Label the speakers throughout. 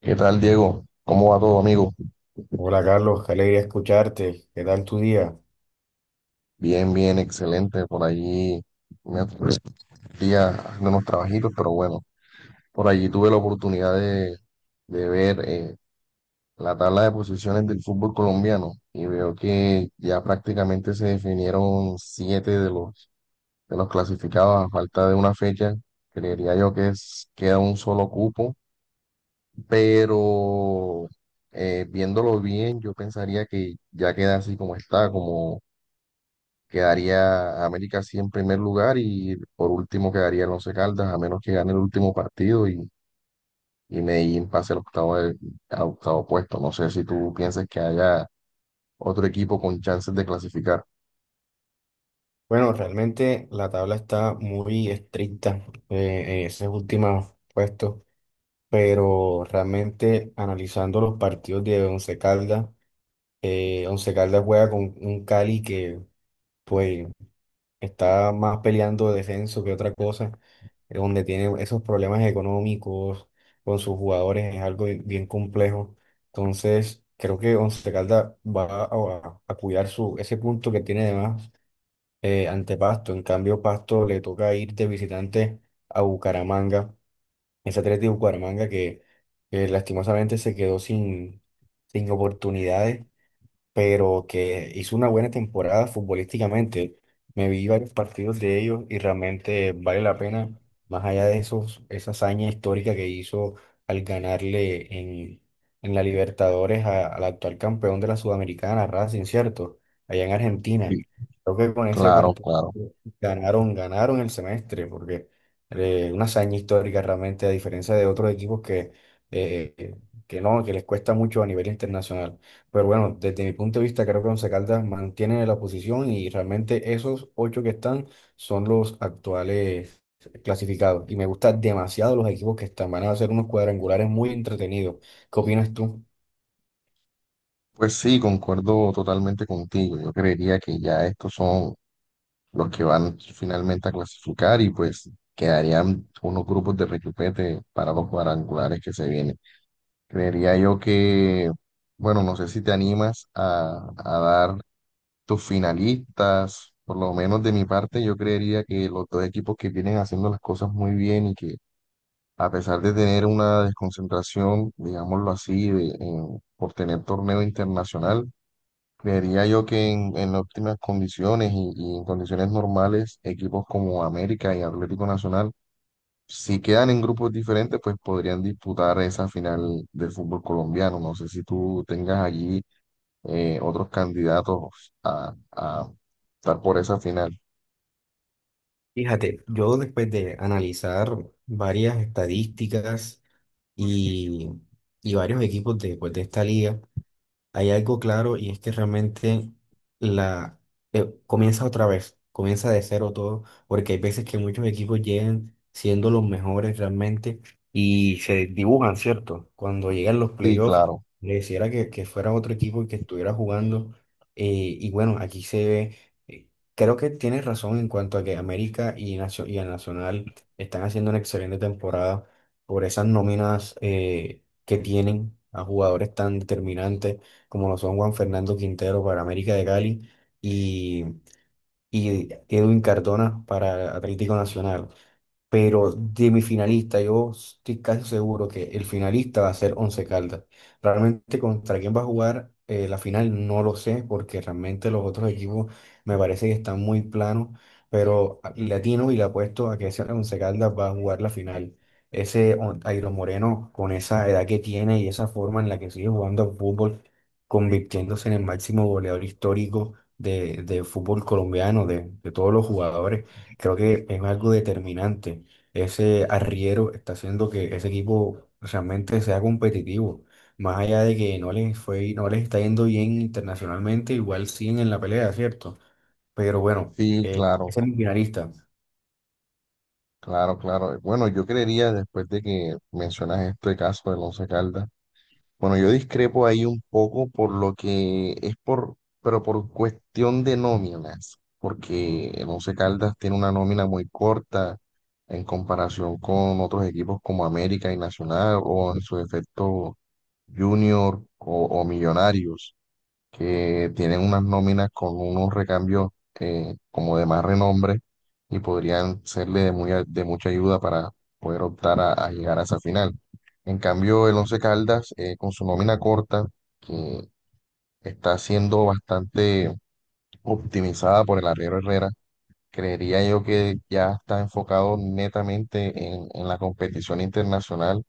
Speaker 1: ¿Qué tal, Diego? ¿Cómo va todo, amigo?
Speaker 2: Hola Carlos, qué alegría escucharte. ¿Qué tal tu día?
Speaker 1: Bien, bien, excelente. Por allí me día haciendo unos trabajitos, pero bueno, por allí tuve la oportunidad de ver la tabla de posiciones del fútbol colombiano y veo que ya prácticamente se definieron siete de los clasificados a falta de una fecha. Creería yo que es, queda un solo cupo, pero viéndolo bien, yo pensaría que ya queda así como está, como quedaría América sí en primer lugar y por último quedaría el Once Caldas, a menos que gane el último partido y Medellín pase al octavo, al octavo puesto. No sé si tú piensas que haya otro equipo con chances de clasificar.
Speaker 2: Bueno, realmente la tabla está muy estricta en esos últimos puestos, pero realmente analizando los partidos de Once Caldas, Once Caldas juega con un Cali que, pues, está más peleando descenso que otra cosa, donde tiene esos problemas económicos con sus jugadores, es algo bien complejo. Entonces, creo que Once Caldas va a cuidar ese punto que tiene de más ante Pasto. En cambio, Pasto le toca ir de visitante a Bucaramanga, ese Atlético de Bucaramanga que lastimosamente se quedó sin oportunidades pero que hizo una buena temporada futbolísticamente. Me vi varios partidos de ellos y realmente vale la pena, más allá de esa hazaña histórica que hizo al ganarle en la Libertadores al actual campeón de la Sudamericana, Racing, ¿cierto? Allá en Argentina.
Speaker 1: Sí.
Speaker 2: Creo que con ese
Speaker 1: Claro,
Speaker 2: partido
Speaker 1: claro.
Speaker 2: ganaron el semestre, porque una hazaña histórica realmente, a diferencia de otros equipos eh, que no, que les cuesta mucho a nivel internacional. Pero bueno, desde mi punto de vista, creo que Once Caldas mantiene la posición y realmente esos ocho que están son los actuales clasificados. Y me gustan demasiado los equipos que están. Van a hacer unos cuadrangulares muy entretenidos. ¿Qué opinas tú?
Speaker 1: Pues sí, concuerdo totalmente contigo. Yo creería que ya estos son los que van finalmente a clasificar y pues quedarían unos grupos de requipete para los cuadrangulares que se vienen. Creería yo que, bueno, no sé si te animas a dar tus finalistas, por lo menos de mi parte, yo creería que los dos equipos que vienen haciendo las cosas muy bien y que a pesar de tener una desconcentración, digámoslo así, por tener torneo internacional, creería yo que en óptimas condiciones y en condiciones normales, equipos como América y Atlético Nacional si quedan en grupos diferentes, pues podrían disputar esa final del fútbol colombiano. No sé si tú tengas allí otros candidatos a estar por esa final.
Speaker 2: Fíjate, yo después de analizar varias estadísticas y, y varios equipos de, pues, de esta liga, hay algo claro y es que realmente la comienza otra vez, comienza de cero todo, porque hay veces que muchos equipos llegan siendo los mejores realmente y se dibujan, ¿cierto? Cuando llegan los
Speaker 1: Sí,
Speaker 2: playoffs,
Speaker 1: claro,
Speaker 2: le quisiera que fuera otro equipo el que estuviera jugando. eh, y bueno, aquí se ve, eh, creo que tienes razón en cuanto a que América y el Nacional están haciendo una excelente temporada por esas nóminas que tienen a jugadores tan determinantes como lo son Juan Fernando Quintero para América de Cali y, y Edwin Cardona para Atlético Nacional. Pero de mi finalista, yo estoy casi seguro que el finalista va a ser Once Caldas. Realmente contra quién va a jugar la final no lo sé, porque realmente los otros equipos me parece que están muy planos, pero le atino y le apuesto a que ese Once Caldas va a jugar la final. Ese Airo Moreno, con esa edad que tiene y esa forma en la que sigue jugando al fútbol, convirtiéndose en el máximo goleador histórico de fútbol colombiano, de todos los jugadores creo que es algo determinante, ese arriero está haciendo que ese equipo realmente sea competitivo. Más allá de que no les está yendo bien internacionalmente, igual siguen en la pelea, ¿cierto? Pero bueno,
Speaker 1: sí, claro,
Speaker 2: es el finalista.
Speaker 1: claro, claro. Bueno, yo creería, después de que mencionas este caso del Once Caldas, bueno, yo discrepo ahí un poco por lo que es por, pero por cuestión de nóminas, porque el Once Caldas tiene una nómina muy corta en comparación con otros equipos como América y Nacional o en su defecto Junior o Millonarios que tienen unas nóminas con unos recambios como de más renombre y podrían serle de, muy, de mucha ayuda para poder optar a llegar a esa final. En cambio, el Once Caldas, con su nómina corta, que está siendo bastante optimizada por el arriero Herrera, creería yo que ya está enfocado netamente en la competición internacional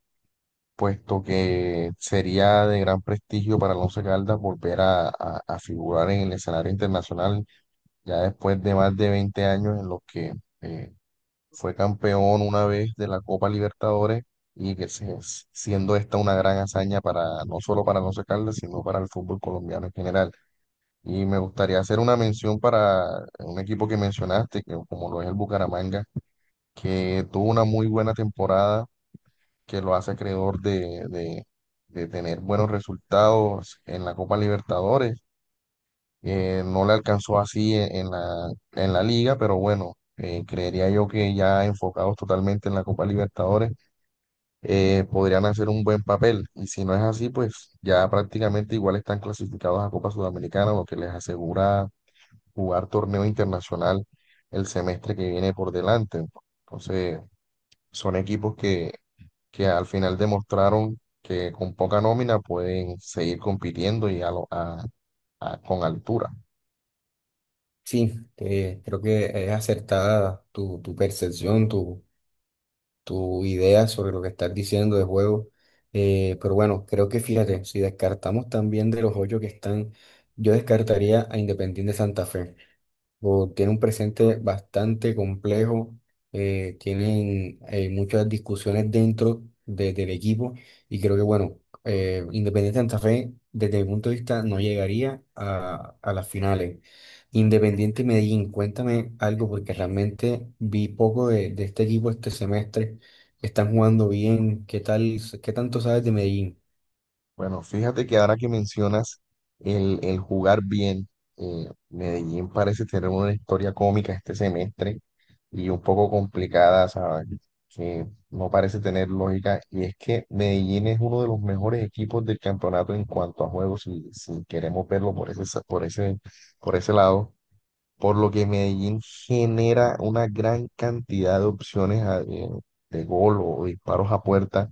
Speaker 1: puesto que sería de gran prestigio para el Once Caldas volver a figurar en el escenario internacional ya después de más de 20 años en los que eh, fue campeón una vez de la Copa Libertadores y que siendo esta una gran hazaña para no solo para el Once Caldas, sino para el fútbol colombiano en general. Y me gustaría hacer una mención para un equipo que mencionaste, que como lo es el Bucaramanga, que tuvo una muy buena temporada que lo hace acreedor de tener buenos resultados en la Copa Libertadores. No le alcanzó así en, en la liga, pero bueno, creería yo que ya enfocados totalmente en la Copa Libertadores, podrían hacer un buen papel. Y si no es así, pues ya prácticamente igual están clasificados a Copa Sudamericana, lo que les asegura jugar torneo internacional el semestre que viene por delante. Entonces... son equipos que al final demostraron que con poca nómina pueden seguir compitiendo y a lo- a- con altura.
Speaker 2: Sí, creo que es acertada tu percepción, tu idea sobre lo que estás diciendo de juego. Pero bueno, creo que fíjate, si descartamos también de los ocho que están, yo descartaría a Independiente Santa Fe. O tiene un presente bastante complejo, tienen muchas discusiones dentro del equipo y creo que, bueno, Independiente Santa Fe, desde mi punto de vista, no llegaría a las finales. Independiente Medellín, cuéntame algo porque realmente vi poco de este equipo este semestre. Están jugando bien, ¿qué tal, qué tanto sabes de Medellín?
Speaker 1: Bueno, fíjate que ahora que mencionas el jugar bien, Medellín parece tener una historia cómica este semestre y un poco complicada, ¿sabes? Que no parece tener lógica. Y es que Medellín es uno de los mejores equipos del campeonato en cuanto a juegos, si, si queremos verlo por ese, por ese lado por lo que Medellín genera una gran cantidad de opciones de gol o disparos a puerta,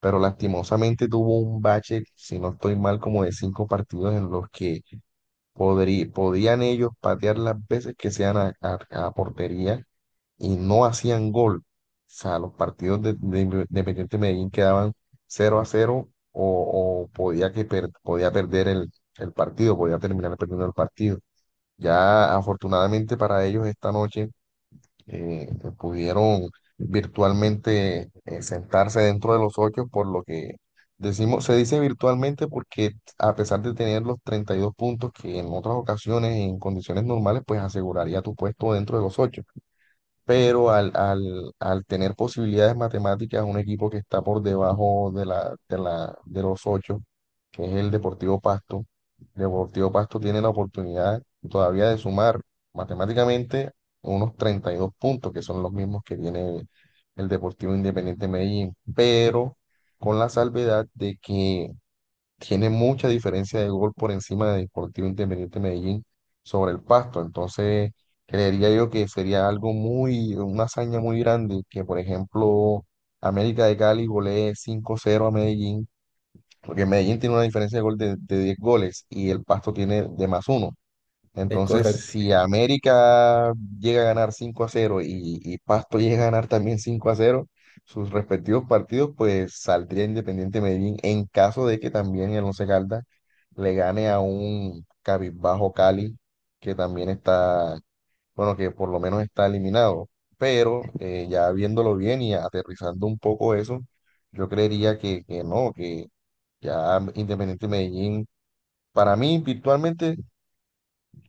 Speaker 1: pero lastimosamente tuvo un bache, si no estoy mal, como de cinco partidos en los que podían ellos patear las veces que sean a portería y no hacían gol. O sea, los partidos de Independiente Medellín quedaban 0-0 o podía, podía perder el partido, podía terminar perdiendo el partido. Ya afortunadamente para ellos esta noche eh, pudieron virtualmente sentarse dentro de los ocho, por lo que decimos, se dice virtualmente porque a pesar de tener los 32 puntos que en otras ocasiones, en condiciones normales, pues aseguraría tu puesto dentro de los ocho pero al tener posibilidades matemáticas, un equipo que está por debajo de los ocho, que es el Deportivo Pasto, Deportivo Pasto tiene la oportunidad todavía de sumar matemáticamente unos 32 puntos, que son los mismos que tiene el Deportivo Independiente Medellín, pero con la salvedad de que tiene mucha diferencia de gol por encima de Deportivo Independiente Medellín sobre el Pasto. Entonces, creería yo que sería algo muy, una hazaña muy grande que, por ejemplo, América de Cali golee 5-0 a Medellín, porque Medellín tiene una diferencia de gol de 10 goles y el Pasto tiene de más uno.
Speaker 2: ¿Es
Speaker 1: Entonces,
Speaker 2: correcto?
Speaker 1: si América llega a ganar 5-0 y Pasto llega a ganar también 5-0 sus respectivos partidos, pues saldría Independiente Medellín en caso de que también el Once Caldas le gane a un Cabizbajo Cali, que también está, bueno, que por lo menos está eliminado. Pero ya viéndolo bien y aterrizando un poco eso, yo creería que no, que ya Independiente Medellín, para mí, virtualmente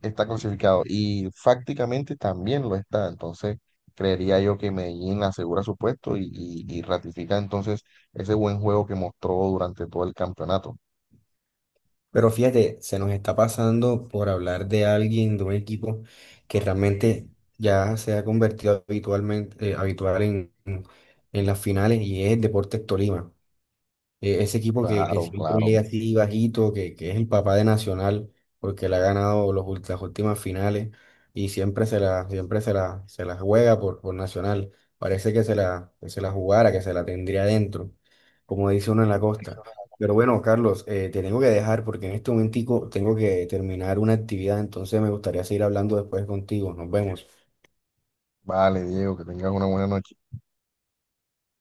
Speaker 1: está clasificado y prácticamente también lo está. Entonces, creería yo que Medellín asegura su puesto y ratifica entonces ese buen juego que mostró durante todo el campeonato.
Speaker 2: Pero fíjate, se nos está pasando por hablar de alguien, de un equipo que realmente ya se ha convertido habitualmente, habitual en las finales y es Deportes Tolima. Ese equipo que
Speaker 1: Claro,
Speaker 2: siempre
Speaker 1: claro.
Speaker 2: llega así bajito, que es el papá de Nacional, porque le ha ganado las últimas finales y se la juega por Nacional. Parece que que se la jugara, que se la tendría dentro, como dice uno en la costa. Pero bueno, Carlos, te tengo que dejar porque en este momentico tengo que terminar una actividad, entonces me gustaría seguir hablando después contigo. Nos vemos.
Speaker 1: Vale, Diego, que tengas una buena noche.